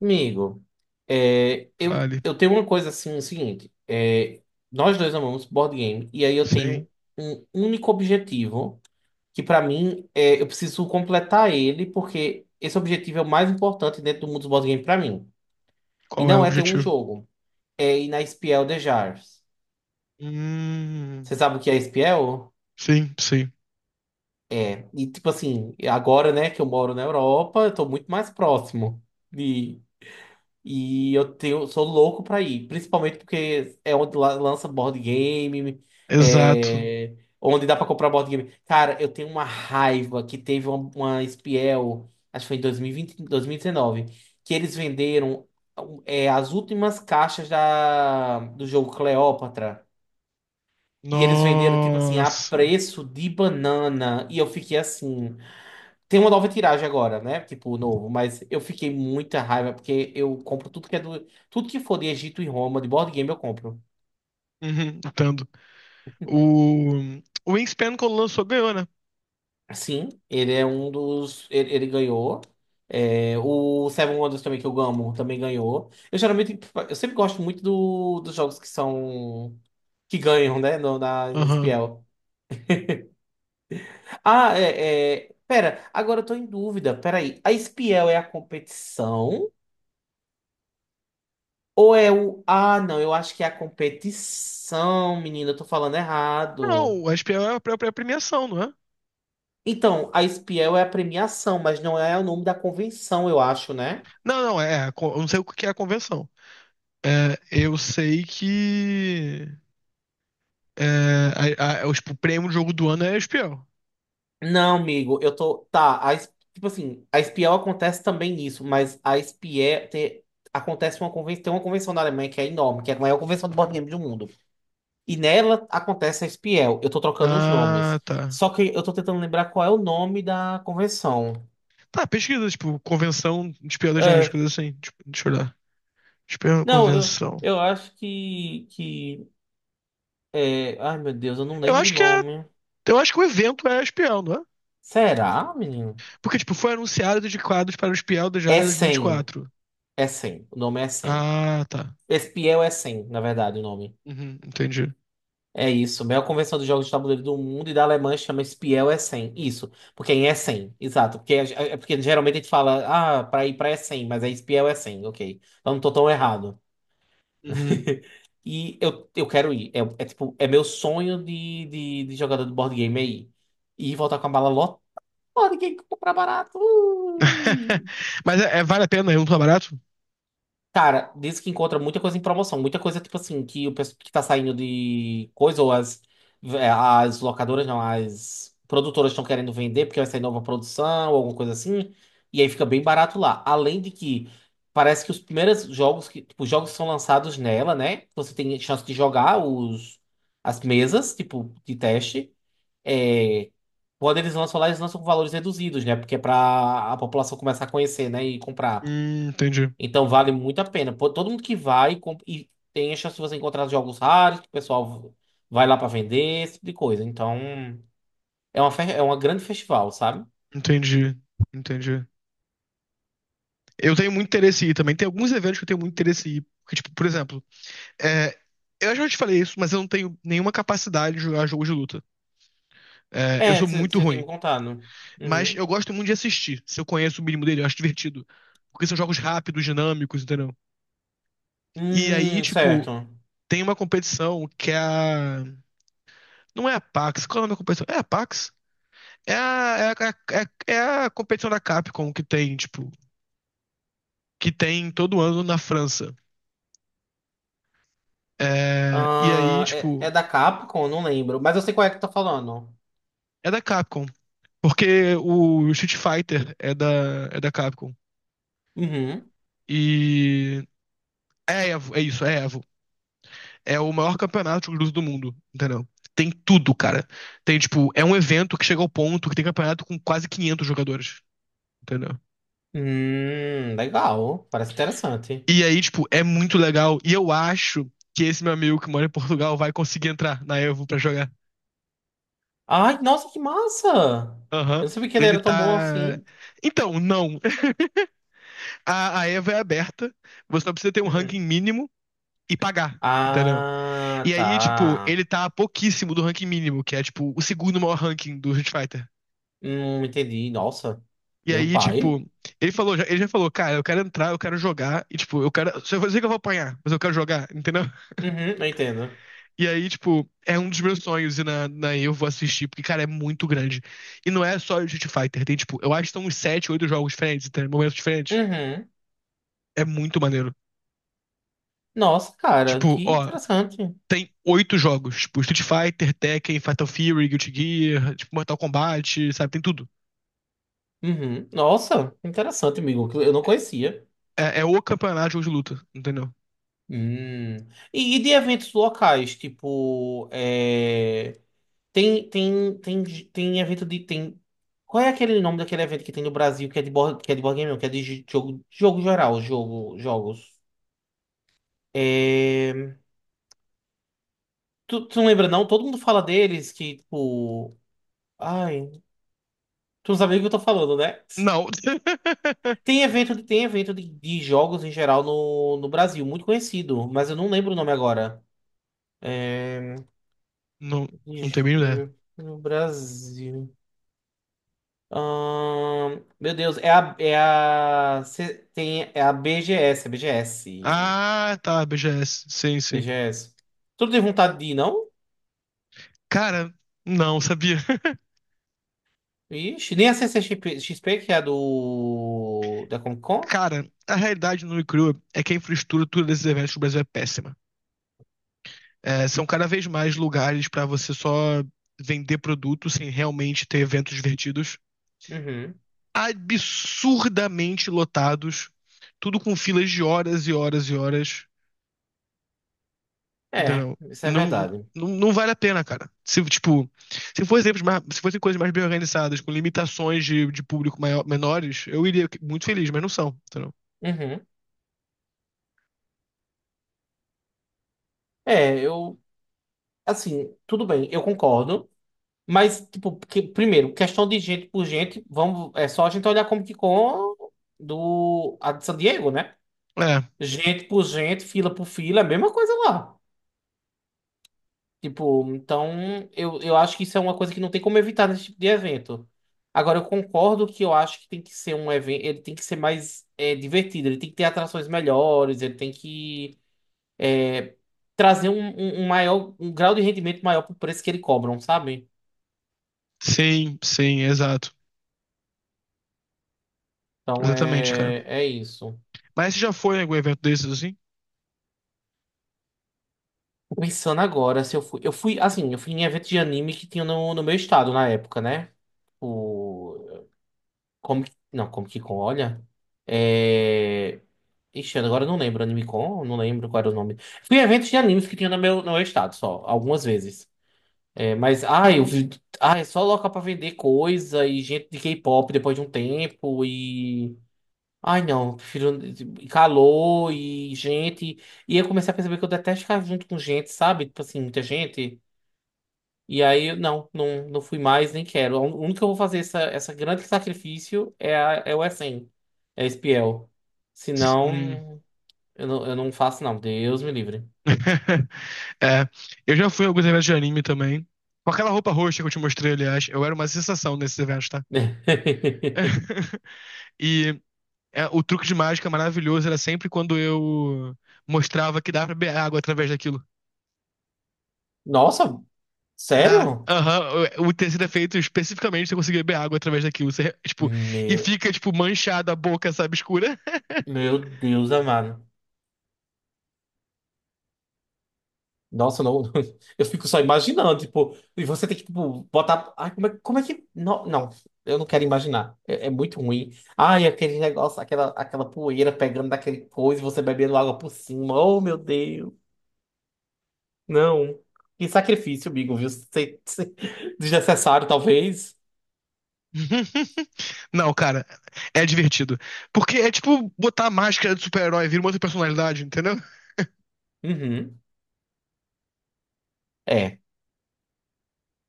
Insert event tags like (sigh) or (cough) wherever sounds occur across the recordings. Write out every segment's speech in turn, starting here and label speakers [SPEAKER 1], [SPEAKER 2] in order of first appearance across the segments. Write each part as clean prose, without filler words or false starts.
[SPEAKER 1] Amigo, eu,
[SPEAKER 2] Fale.
[SPEAKER 1] eu tenho uma coisa assim, o seguinte, nós dois amamos board game, e aí eu
[SPEAKER 2] Sim.
[SPEAKER 1] tenho um único objetivo, que pra mim, eu preciso completar ele, porque esse objetivo é o mais importante dentro do mundo dos board game pra mim. E
[SPEAKER 2] Qual é o
[SPEAKER 1] não é ter um
[SPEAKER 2] objetivo?
[SPEAKER 1] jogo, é ir na Espiel de Jars.
[SPEAKER 2] Hum,
[SPEAKER 1] Você sabe o que é Espiel?
[SPEAKER 2] sim, sim.
[SPEAKER 1] E tipo assim, agora, né, que eu moro na Europa, eu tô muito mais próximo. E eu tenho, sou louco pra ir, principalmente porque é onde lança board game,
[SPEAKER 2] Exato.
[SPEAKER 1] onde dá pra comprar board game. Cara, eu tenho uma raiva que teve uma Spiel, acho que foi em 2020, 2019, que eles venderam as últimas caixas do jogo Cleópatra. E eles venderam, tipo assim, a
[SPEAKER 2] Nossa.
[SPEAKER 1] preço de banana. E eu fiquei assim. Tem uma nova tiragem agora, né? Tipo, novo, mas eu fiquei muita raiva porque eu compro tudo que é do. Tudo que for de Egito e Roma, de board game, eu compro.
[SPEAKER 2] Uhum, entendo. O, o Wingspan, quando lançou, ganhou, né?
[SPEAKER 1] Sim, ele é um dos. Ele ganhou. É, o Seven Wonders também, que eu amo, também ganhou. Eu geralmente. Eu sempre gosto muito dos jogos que são. Que ganham, né? No, na, na
[SPEAKER 2] Aham.
[SPEAKER 1] Spiel. Ah, é, é. Pera, agora eu tô em dúvida. Peraí. A Spiel é a competição? Ou é o. Ah, não, eu acho que é a competição, menina, eu tô falando errado.
[SPEAKER 2] Não, a SPL é a premiação, não é?
[SPEAKER 1] Então, a Spiel é a premiação, mas não é o nome da convenção, eu acho, né?
[SPEAKER 2] Não, não, é. Eu não sei o que é a convenção. É, eu sei que. É, tipo, o prêmio do jogo do ano é a SPL.
[SPEAKER 1] Não, amigo, eu tô. Tá, tipo assim, a Spiel acontece também nisso, mas a acontece uma convenção. Tem uma convenção na Alemanha que é enorme, que é a maior convenção de board game do mundo. E nela acontece a Spiel. Eu tô trocando os nomes.
[SPEAKER 2] Ah, tá.
[SPEAKER 1] Só que eu tô tentando lembrar qual é o nome da convenção.
[SPEAKER 2] Tá, pesquisa, tipo, convenção de espião das áreas,
[SPEAKER 1] É,
[SPEAKER 2] coisas assim. Tipo, deixa eu olhar. Espião,
[SPEAKER 1] Não, eu,
[SPEAKER 2] convenção.
[SPEAKER 1] eu acho que é... Ai, meu Deus, eu não
[SPEAKER 2] Eu
[SPEAKER 1] lembro o
[SPEAKER 2] acho que é,
[SPEAKER 1] nome.
[SPEAKER 2] eu acho que o evento é espião, não é?
[SPEAKER 1] Será, menino?
[SPEAKER 2] Porque, tipo, foi anunciado de quadros para o espião da
[SPEAKER 1] É
[SPEAKER 2] Diário
[SPEAKER 1] 100.
[SPEAKER 2] 2024.
[SPEAKER 1] É 100. O nome é 100.
[SPEAKER 2] Ah, tá.
[SPEAKER 1] Espiel é 100, na verdade, o nome.
[SPEAKER 2] Uhum, entendi.
[SPEAKER 1] É isso. A maior convenção de jogos de tabuleiro do mundo e da Alemanha chama Espiel é 100. Isso. Porque em é 100. Exato. Porque, é porque geralmente a gente fala, ah, pra ir pra é 100, mas é Espiel é 100. Ok. Então não tô tão errado.
[SPEAKER 2] Uhum.
[SPEAKER 1] (laughs) E eu quero ir. É, é tipo, é meu sonho de jogador de board game aí. E voltar com a mala. Pô, ninguém compra barato.
[SPEAKER 2] (laughs) Mas é, vale a pena, é um tá barato?
[SPEAKER 1] Cara, diz que encontra muita coisa em promoção, muita coisa, tipo assim, que o pessoal que tá saindo de coisa, as locadoras, não, as produtoras estão querendo vender porque vai sair nova produção, ou alguma coisa assim, e aí fica bem barato lá. Além de que parece que os primeiros jogos que, tipo, os jogos que são lançados nela, né? Você tem chance de jogar as mesas, tipo, de teste. É, quando eles lançam lá, eles lançam com valores reduzidos, né? Porque é pra a população começar a conhecer, né? E comprar.
[SPEAKER 2] Entendi.
[SPEAKER 1] Então vale muito a pena. Pô, todo mundo que e tem a chance de você encontrar jogos raros, que o pessoal vai lá pra vender, esse tipo de coisa. Então é uma, é uma grande festival, sabe?
[SPEAKER 2] Entendi. Entendi. Eu tenho muito interesse em ir também. Tem alguns eventos que eu tenho muito interesse em ir. Porque, tipo, por exemplo, é, eu já te falei isso, mas eu não tenho nenhuma capacidade de jogar jogos de luta. É, eu
[SPEAKER 1] É,
[SPEAKER 2] sou
[SPEAKER 1] você
[SPEAKER 2] muito
[SPEAKER 1] tinha me
[SPEAKER 2] ruim.
[SPEAKER 1] contado.
[SPEAKER 2] Mas
[SPEAKER 1] Uhum.
[SPEAKER 2] eu gosto muito de assistir. Se eu conheço o mínimo dele, eu acho divertido. Porque são jogos rápidos, dinâmicos, entendeu? E aí, tipo,
[SPEAKER 1] Certo.
[SPEAKER 2] tem uma competição que é a. Não é a PAX, qual é o nome da competição? É a PAX? É a, é a, é a, é a competição da Capcom que tem, tipo, que tem todo ano na França. É, e aí,
[SPEAKER 1] Ah, é,
[SPEAKER 2] tipo,
[SPEAKER 1] é da Capcom, não lembro. Mas eu sei qual é que tá falando.
[SPEAKER 2] é da Capcom. Porque o Street Fighter é da Capcom.
[SPEAKER 1] Uhum.
[SPEAKER 2] E é a Evo, é isso, é a Evo. É o maior campeonato de luta do mundo, entendeu? Tem tudo, cara. Tem, tipo, é um evento que chega ao ponto que tem campeonato com quase 500 jogadores, entendeu?
[SPEAKER 1] Legal. Parece interessante.
[SPEAKER 2] E aí, tipo, é muito legal. E eu acho que esse meu amigo que mora em Portugal vai conseguir entrar na Evo pra jogar.
[SPEAKER 1] Ai, nossa, que massa!
[SPEAKER 2] Aham.
[SPEAKER 1] Eu não sabia que ele
[SPEAKER 2] Ele
[SPEAKER 1] era tão bom
[SPEAKER 2] tá.
[SPEAKER 1] assim.
[SPEAKER 2] Então, não. A Evo é aberta. Você só precisa ter um ranking
[SPEAKER 1] Uhum.
[SPEAKER 2] mínimo e pagar. Entendeu?
[SPEAKER 1] Ah,
[SPEAKER 2] E aí, tipo,
[SPEAKER 1] tá.
[SPEAKER 2] ele tá pouquíssimo do ranking mínimo, que é, tipo, o segundo maior ranking do Street Fighter.
[SPEAKER 1] Entendi. Nossa,
[SPEAKER 2] E
[SPEAKER 1] meu
[SPEAKER 2] aí,
[SPEAKER 1] pai.
[SPEAKER 2] tipo, ele falou, ele já falou, cara, eu quero entrar, eu quero jogar, e tipo, eu quero. Se eu vou dizer que eu vou apanhar, mas eu quero jogar, entendeu?
[SPEAKER 1] Uhum, eu entendo.
[SPEAKER 2] E aí, tipo, é um dos meus sonhos e na eu vou assistir, porque, cara, é muito grande. E não é só Street Fighter, tem, tipo, eu acho que são uns sete oito jogos diferentes, tem momentos diferentes.
[SPEAKER 1] Uhum.
[SPEAKER 2] É muito maneiro.
[SPEAKER 1] Nossa, cara,
[SPEAKER 2] Tipo,
[SPEAKER 1] que
[SPEAKER 2] ó,
[SPEAKER 1] interessante.
[SPEAKER 2] tem oito jogos, tipo, Street Fighter, Tekken, Fatal Fury, Guilty Gear, tipo, Mortal Kombat, sabe, tem tudo.
[SPEAKER 1] Uhum. Nossa, interessante, amigo, que eu não conhecia.
[SPEAKER 2] É, é o campeonato de jogo de luta, entendeu?
[SPEAKER 1] Hum. E de eventos locais, tipo, é... Tem, tem, tem, tem evento de. Tem... Qual é aquele nome daquele evento que tem no Brasil que é de board, que é de board game, não, que é de jogo, jogo geral, jogo, jogos. É... Tu não lembra, não? Todo mundo fala deles que, tipo. Ai, tu não sabe o que eu tô falando, né?
[SPEAKER 2] Não. (laughs)
[SPEAKER 1] Tem evento, tem evento de jogos em geral no Brasil, muito conhecido, mas eu não lembro o nome agora. É...
[SPEAKER 2] Não,
[SPEAKER 1] de
[SPEAKER 2] não tenho a mínima ideia.
[SPEAKER 1] No Brasil. Meu Deus, cê tem, é a BGS, é BGS,
[SPEAKER 2] Ah, tá, BGS, sim, sim.
[SPEAKER 1] BGS. Tu não tem vontade de ir, não?
[SPEAKER 2] Cara, não, sabia. (laughs)
[SPEAKER 1] Ixi, nem a CCXP, que é a da Comic Con?
[SPEAKER 2] Cara, a realidade nua e crua é que a infraestrutura desses eventos no Brasil é péssima. É, são cada vez mais lugares pra você só vender produto sem realmente ter eventos divertidos.
[SPEAKER 1] Uhum.
[SPEAKER 2] Absurdamente lotados, tudo com filas de horas e horas e horas,
[SPEAKER 1] É,
[SPEAKER 2] entendeu?
[SPEAKER 1] isso é
[SPEAKER 2] Não,
[SPEAKER 1] verdade.
[SPEAKER 2] não, não vale a pena, cara. Se, tipo, se fossem exemplos mais, se fossem coisas mais bem organizadas, com limitações de menores, eu iria muito feliz, mas não são, entendeu?
[SPEAKER 1] Uhum. É, eu, assim, tudo bem, eu concordo, mas, tipo, porque, primeiro, questão de gente por gente, vamos, é só a gente olhar a Comic Con a de San Diego, né?
[SPEAKER 2] É,
[SPEAKER 1] Gente por gente, fila por fila, é a mesma coisa lá. Tipo, então eu acho que isso é uma coisa que não tem como evitar nesse tipo de evento. Agora, eu concordo que eu acho que tem que ser um evento, ele tem que ser mais divertido, ele tem que ter atrações melhores, ele tem que é, trazer um maior, um grau de rendimento maior pro preço que ele cobram, sabe?
[SPEAKER 2] sim, sim, exato.
[SPEAKER 1] Então
[SPEAKER 2] Exatamente, cara.
[SPEAKER 1] é isso.
[SPEAKER 2] Mas você já foi em algum evento desses assim?
[SPEAKER 1] Tô pensando agora, se eu fui, eu fui, assim, eu fui em evento de anime que tinha no meu estado na época, né? Tipo, como que. Não, como que com, olha. É. Ixi, agora eu não lembro. Anime-Con, não lembro qual era o nome. Fui em eventos de animes que tinha no meu, no meu estado só, algumas vezes. É, mas, ai, eu vi. Ai, é só local pra vender coisa e gente de K-pop depois de um tempo e. Ai, não, prefiro e calor e gente. E eu comecei a perceber que eu detesto ficar junto com gente, sabe? Tipo assim, muita gente. E aí, não, não fui mais, nem quero. O único que eu vou fazer essa, essa grande sacrifício é o SN, é espiel.
[SPEAKER 2] Hum.
[SPEAKER 1] Senão, eu não faço, não. Deus me livre.
[SPEAKER 2] (laughs) É, eu já fui em alguns eventos de anime também. Com aquela roupa roxa que eu te mostrei, aliás, eu era uma sensação nesses eventos, tá?
[SPEAKER 1] (laughs)
[SPEAKER 2] (laughs) E é, o truque de mágica maravilhoso era sempre quando eu mostrava que dá pra beber água através daquilo.
[SPEAKER 1] Nossa,
[SPEAKER 2] Dá,
[SPEAKER 1] sério?
[SPEAKER 2] aham, o tecido é feito especificamente pra você conseguir beber água através daquilo. Você, tipo, e
[SPEAKER 1] Meu,
[SPEAKER 2] fica, tipo, manchada a boca, sabe, escura.
[SPEAKER 1] meu Deus amado. Nossa, não, (laughs) eu fico só imaginando, tipo, e você tem que, tipo, botar. Ai, como é que. Não, não, eu não quero imaginar. É, é muito ruim. Ai, aquele negócio, aquela poeira pegando daquele coisa e você bebendo água por cima. Oh, meu Deus. Não. Que sacrifício, amigo, viu? Desnecessário, talvez.
[SPEAKER 2] (laughs) Não, cara, é divertido. Porque é tipo botar a máscara de super-herói, vira uma outra personalidade, entendeu?
[SPEAKER 1] Uhum. É.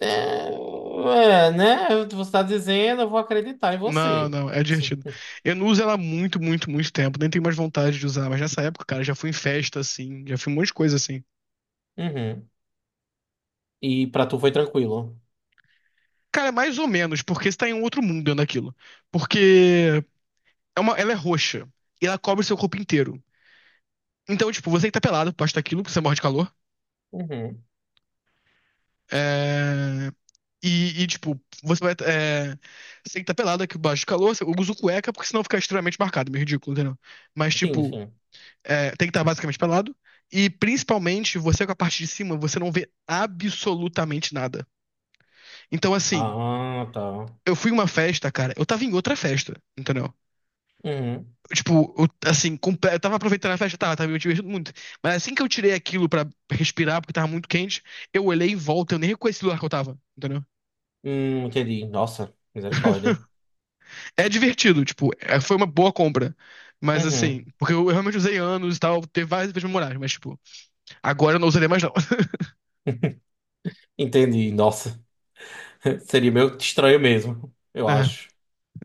[SPEAKER 1] É, é, né? Você tá dizendo, eu vou acreditar em
[SPEAKER 2] Não,
[SPEAKER 1] você.
[SPEAKER 2] não, é divertido. Eu não uso ela há muito, muito, muito tempo, nem tenho mais vontade de usar, mas nessa época, cara, já fui em festa assim, já fui em um monte de coisa assim.
[SPEAKER 1] Uhum. E pra tu foi tranquilo.
[SPEAKER 2] Cara, é mais ou menos, porque você tá em um outro mundo dentro daquilo. Porque é uma, ela é roxa e ela cobre seu corpo inteiro. Então, tipo, você que tá pelado, posta aquilo, porque você morre de calor.
[SPEAKER 1] Uhum.
[SPEAKER 2] É, tipo, você vai. É... Você tem que estar pelado aqui baixo do calor. Eu uso cueca porque senão fica extremamente marcado, meio ridículo, entendeu? Mas,
[SPEAKER 1] Sim,
[SPEAKER 2] tipo,
[SPEAKER 1] sim.
[SPEAKER 2] é, tem que estar basicamente pelado. E principalmente, você com a parte de cima, você não vê absolutamente nada. Então, assim,
[SPEAKER 1] Ah, tá.
[SPEAKER 2] eu fui em uma festa, cara. Eu tava em outra festa, entendeu?
[SPEAKER 1] Uhum.
[SPEAKER 2] Tipo, eu, assim, eu tava aproveitando a festa, tava me divertindo muito. Mas assim que eu tirei aquilo pra respirar, porque tava muito quente, eu olhei em volta, eu nem reconheci o lugar que eu tava, entendeu?
[SPEAKER 1] Entendi. Nossa, misericórdia.
[SPEAKER 2] É divertido, tipo, foi uma boa compra. Mas assim,
[SPEAKER 1] Uhum.
[SPEAKER 2] porque eu realmente usei anos e tal, teve várias vezes memoráveis, mas tipo, agora eu não usarei mais não. (laughs)
[SPEAKER 1] Entendi, nossa. (laughs) Seria meio que estranho mesmo, eu acho.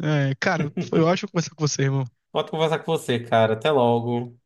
[SPEAKER 2] É, é, cara, foi
[SPEAKER 1] (laughs)
[SPEAKER 2] ótimo conversar com você, irmão.
[SPEAKER 1] Pode conversar com você, cara. Até logo.